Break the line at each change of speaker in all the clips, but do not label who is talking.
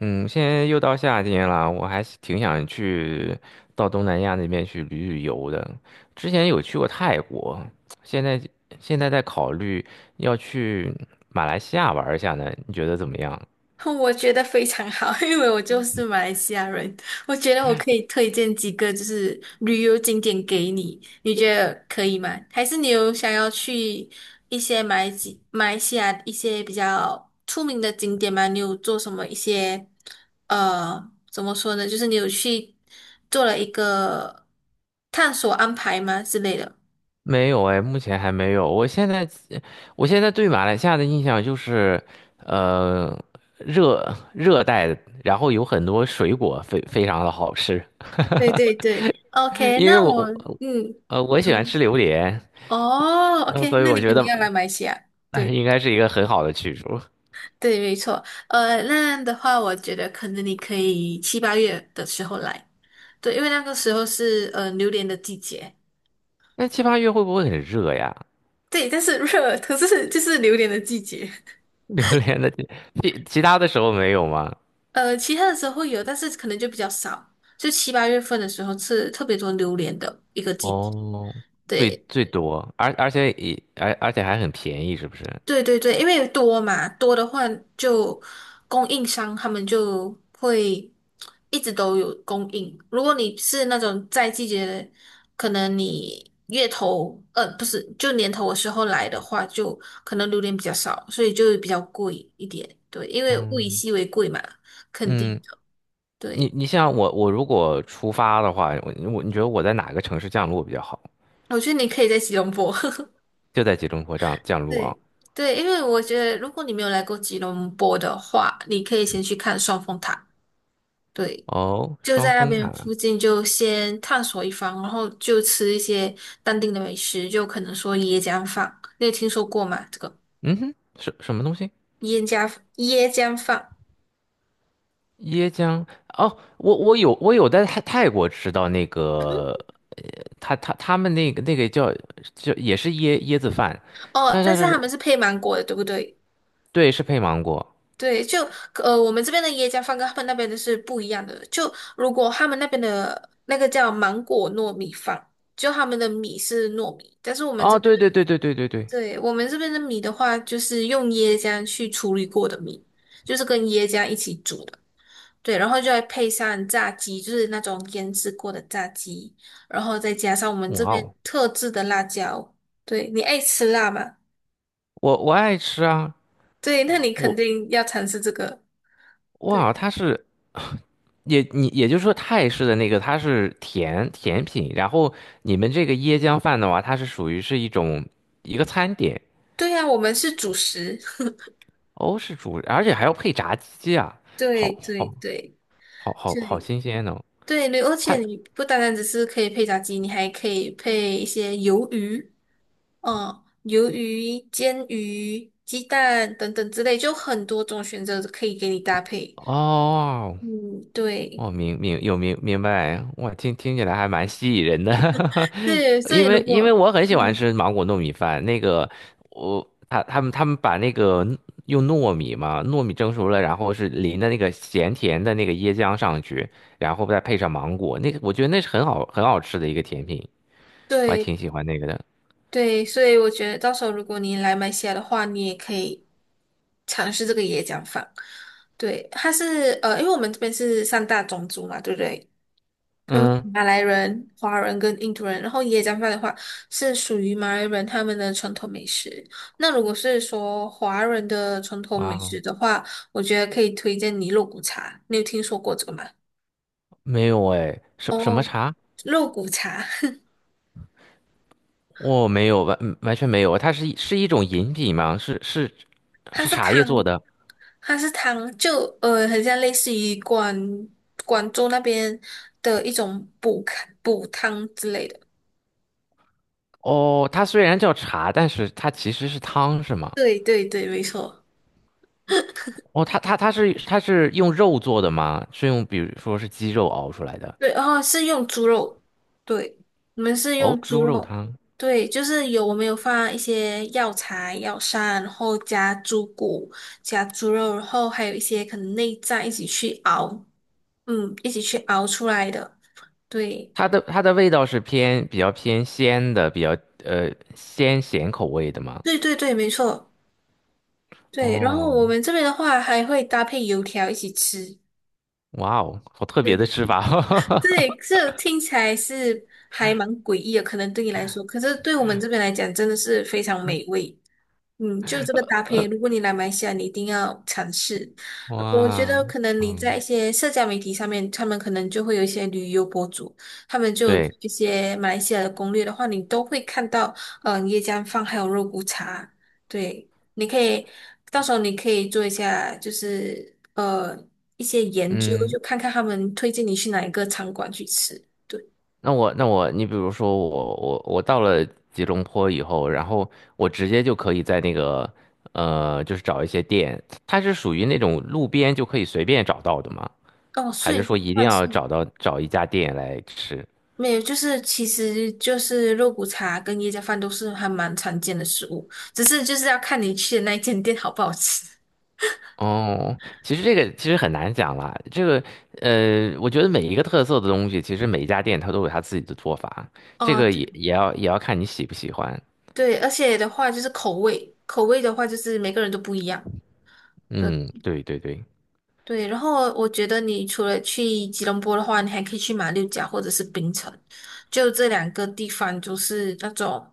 嗯，现在又到夏天了，我还是挺想去到东南亚那边去旅游的。之前有去过泰国，现在现在在考虑要去马来西亚玩一下呢，你觉得怎么样？
我觉得非常好，因为我就是马来西亚人，我觉得我可以推荐几个就是旅游景点给你，你觉得可以吗？还是你有想要去一些马来西亚一些比较出名的景点吗？你有做什么一些怎么说呢？就是你有去做了一个探索安排吗之类的？
没有哎，目前还没有。我现在对马来西亚的印象就是，呃，热热带，然后有很多水果非常的好吃。
对对对 ，OK,
因为
那
我
我
我
嗯，
呃我喜欢
嗯
吃榴莲。
哦
嗯，
，OK,
所以
那
我
你
觉
肯
得
定要来马来西亚。
那
对。
应该是一个很好的去处。
对，没错。那样的话，我觉得可能你可以七八月的时候来，对，因为那个时候是榴莲的季节。
那七八月会不会很热呀？
对，但是热，可是就是榴莲的季节。
榴莲的其他的时候没有吗？
其他的时候会有，但是可能就比较少。就七八月份的时候是特别多榴莲的一个季节。
哦，最
对。
最多，而且还很便宜，是不是？
对对对，因为多嘛，多的话就供应商他们就会一直都有供应。如果你是那种在季节的，可能你月头，不是，就年头的时候来的话，就可能榴莲比较少，所以就比较贵一点。对，因为物以
嗯
稀为贵嘛，肯定
嗯，
的。
你
对，
你像我如果出发的话，你觉得我在哪个城市降落比较好？
我觉得你可以在吉隆坡。
就在吉隆坡降降 落啊？
对对，因为我觉得如果你没有来过吉隆坡的话，你可以先去看双峰塔。对。
哦，
就
双
在那
峰
边
塔。
附近就先探索一番，然后就吃一些当地的美食，就可能说椰浆饭，你有听说过吗？这个
嗯哼，什么东西？
椰浆椰浆饭
椰浆，哦，我有在泰国吃到那个，他们那个叫也是椰子饭，
哦，
他他
但是
是
他们是配芒果的，对不对？
对，是配芒果。
对，我们这边的椰浆饭跟他们那边的是不一样的。就如果他们那边的那个叫芒果糯米饭，就他们的米是糯米，但是我们这
哦，
边
对
的，
对对对对对对。
对，我们这边的米的话，就是用椰浆去处理过的米，就是跟椰浆一起煮的。对，然后就再配上炸鸡，就是那种腌制过的炸鸡，然后再加上我们这
哇
边
哦，
特制的辣椒。对，你爱吃辣吗？
我爱吃啊。
对，那你肯
我
定要尝试这个。对，
哇，它是 你也就是说泰式的那个它是甜品，然后你们这个椰浆饭的话，它是属于一个餐点。
对呀，我们是主食。
欧式主，而且还要配炸鸡啊。
对
好
对
好
对
好，好好
对
新鲜哦。
对对，而
它
且你不单单只是可以配炸鸡，你还可以配一些鱿鱼，嗯，鱿鱼、煎鱼、鸡蛋等等之类，就很多种选择可以给你搭配。
哦。
嗯，对。
我明明有明明白，我听起来还蛮吸引人的。
对，所以
因
如
为因为
果，
我很喜欢
嗯，
吃芒果糯米饭，那个他们把那个用糯米嘛，糯米蒸熟了，然后是淋的那个咸甜的那个椰浆上去，然后再配上芒果，那个我觉得那是很好吃的一个甜品，我还
对
挺喜欢那个的。
对，所以我觉得到时候如果你来马来西亚的话，你也可以尝试这个椰浆饭。对，它是因为我们这边是三大种族嘛，对不对？我们
嗯，
马来人、华人跟印度人，然后椰浆饭的话是属于马来人他们的传统美食。那如果是说华人的传统
哇
美食
哦。
的话，我觉得可以推荐你肉骨茶。你有听说过这个吗？
没有哎，什么
哦，
茶？
肉骨茶，
我没有完嗯完全没有，它是一种饮品吗？是
它
是
是
茶叶做
汤。
的。
它是汤，很像类似于广州那边的一种补看补汤之类的。
哦，它虽然叫茶，但是它其实是汤，是吗？
对对对，没错。
哦，它是用肉做的吗？是用比如说是鸡肉熬出来的？
对，然后是用猪肉，对，我们是
哦，
用猪
猪肉
肉，
汤。
对，就是有我们有放一些药材、药膳，然后加猪骨、加猪肉，然后还有一些可能内脏一起去熬，嗯，一起去熬出来的。对，
它的味道比较偏鲜的，比较鲜咸口味的吗？
对对对，没错。对，然后我
哦。
们这边的话还会搭配油条一起吃。
哇哦，好特别
对
的吃法。
对，这听起来是还蛮诡异的，可能对你来说，可是对我们这边来讲，真的是非常美味。嗯，就这个搭配，如果你来马来西亚，你一定要尝试。我觉
哇。
得可能你在一
嗯，
些社交媒体上面，他们可能就会有一些旅游博主，他们就有
对，
一些马来西亚的攻略的话，你都会看到，椰浆饭还有肉骨茶。对，你可以到时候你可以做一下，就是一些研究，
嗯。
就看看他们推荐你去哪一个餐馆去吃。对，
那我，你比如说我到了吉隆坡以后，然后我直接就可以在那个，就是找一些店，它是属于那种路边就可以随便找到的吗？
哦，
还
所
是
以
说一定
算
要
是。
找一家店来吃？
没有，就是其实就是肉骨茶跟椰浆饭都是还蛮常见的食物，只是就是要看你去的那一间店好不好吃。
哦，其实这个其实很难讲啦。这个我觉得每一个特色的东西，其实每一家店它都有它自己的做法，这
哦，
个
对
也要看你喜不喜欢。
对，而且的话就是口味，口味的话就是每个人都不一样。对。
嗯，对对对，
对，然后我觉得你除了去吉隆坡的话，你还可以去马六甲或者是槟城，就这两个地方就是那种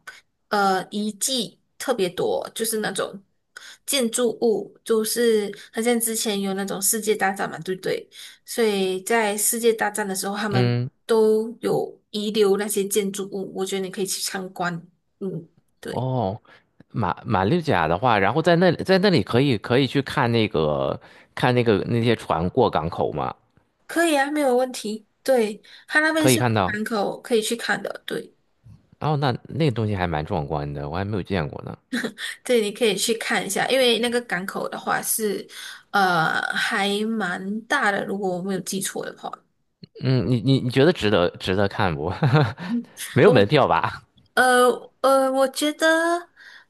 遗迹特别多，就是那种建筑物，就是好像之前有那种世界大战嘛，对不对？所以在世界大战的时候，他们
嗯。
都有遗留那些建筑物，我觉得你可以去参观。嗯，对，
哦，马六甲的话，然后在那里可以去看那些船过港口嘛，
可以啊，没有问题。对，他那边
可以
是
看到。
港口可以去看的，对。
哦，那个东西还蛮壮观的，我还没有见过呢。
对，你可以去看一下，因为那个港口的话是，还蛮大的，如果我没有记错的话，
嗯，你觉得值得看不？没有
我
门票吧？
呃我觉得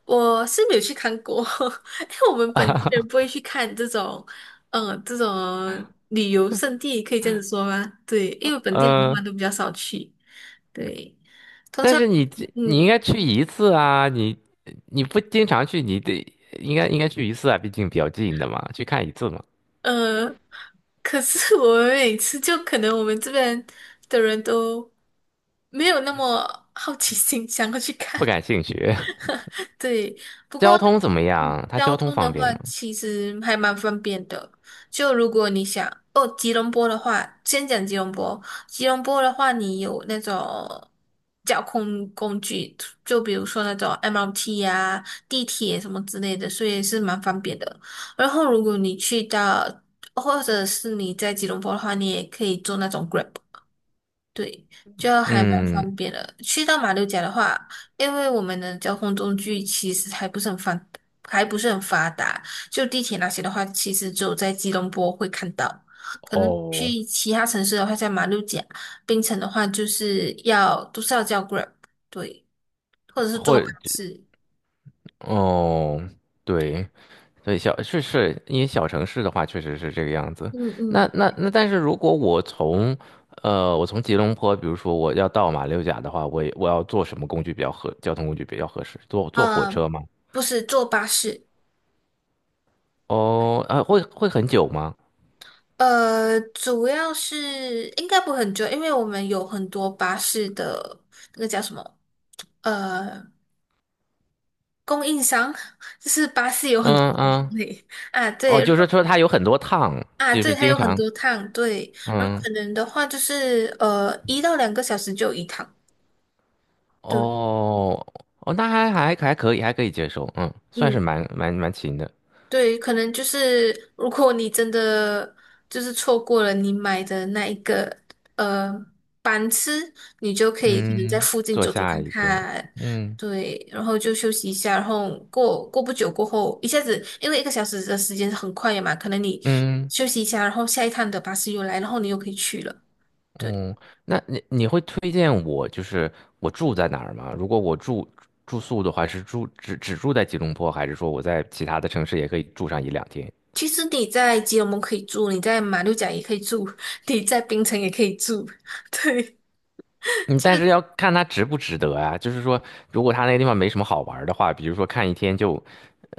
我是没有去看过，因为我们本地人不会去看这种，这种旅游胜地，可以这样子说吗？对，因为本地人的话
嗯，
都比较少去，对，通
但
常，
是你应
嗯，
该去一次啊，你不经常去，你得应该应该去一次啊，毕竟比较近的嘛，去看一次嘛。
呃，可是我们每次就可能我们这边的人都没有那么好奇心想要去看，
不感兴趣。
对，不过
交通怎么样？它
交
交通
通的
方便
话，
吗？
其实还蛮方便的。就如果你想哦，吉隆坡的话，先讲吉隆坡。吉隆坡的话，你有那种交通工具，就比如说那种 MRT 啊、地铁什么之类的，所以是蛮方便的。然后，如果你去到，或者是你在吉隆坡的话，你也可以坐那种 Grab。对，就还蛮
嗯，
方便的。去到马六甲的话，因为我们的交通工具其实还不是很发达，就地铁那些的话，其实只有在吉隆坡会看到。可能
哦。
去其他城市的话，在马六甲、槟城的话，就是要都是要叫 Grab,对，或者是坐
或
巴士。
哦，对对，是是，因为小城市的话，确实是这个样子。
嗯
那
嗯，
那那，但是如果我从，我从吉隆坡，比如说我要到马六甲的话，我要坐什么工具比较合，交通工具比较合适？坐坐火
呃，
车吗？
不是坐巴士，
哦，啊，会很久吗？
主要是应该不会很久，因为我们有很多巴士的那个叫什么？呃，供应商就是巴士有很多
嗯
种
嗯，
类啊，
哦，
对，然
就是
后
说它有很多趟，
啊，
就
对，
是
它
经
有很
常，
多趟，对，然后
嗯，
可能的话就是一到两个小时就有一趟，对，
哦哦，那还可以，还可以接受，嗯，算是
嗯，
蛮勤的。
对，可能就是如果你真的就是错过了你买的那一个呃班次，你就可以可能在
嗯，
附近
做
走走
下
看
一个，
看，
嗯。
对，然后就休息一下，然后过过不久过后，一下子因为一个小时的时间很快的嘛，可能你
嗯
休息一下，然后下一趟的巴士又来，然后你又可以去了。对，
嗯，那你会推荐我就是我住在哪儿吗？如果我住宿的话，只住在吉隆坡，还是说我在其他的城市也可以住上一两天？
其实你在吉隆坡可以住，你在马六甲也可以住，你在槟城也可以住，对，
嗯，但是要
就
看它值不值得啊。就是说，如果它那个地方没什么好玩儿的话，比如说看一天就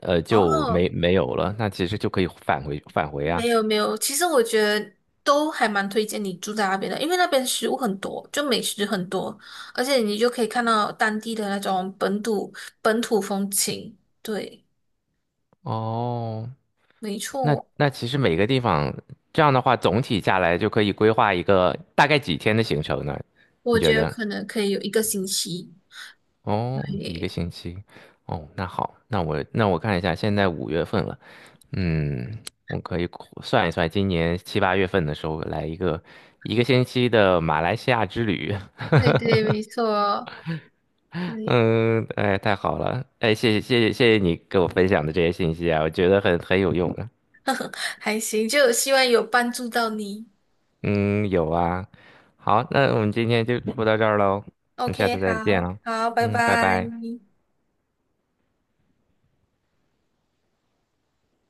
呃就
哦。
没有了，那其实就可以返回啊。
没有没有，其实我觉得都还蛮推荐你住在那边的，因为那边食物很多，就美食很多，而且你就可以看到当地的那种本土风情。对，
哦，
没
那
错，
那其实每个地方这样的话，总体下来就可以规划一个大概几天的行程呢？你
我
觉
觉得
得？
可能可以有一个星期。
哦，一个
对，
星期。哦，那好，那我看一下，现在5月份了，嗯，我可以算一算，今年七八月份的时候来一个星期的马来西亚之旅。
对对，没错，对，
嗯，哎，太好了，哎，谢谢谢谢谢谢你给我分享的这些信息啊，我觉得很有用的。
还行，就希望有帮助到你。
嗯，有啊。好，那我们今天就说到这儿喽，我们下
OK,
次再见
好，
了。
好，拜
嗯，拜
拜。
拜。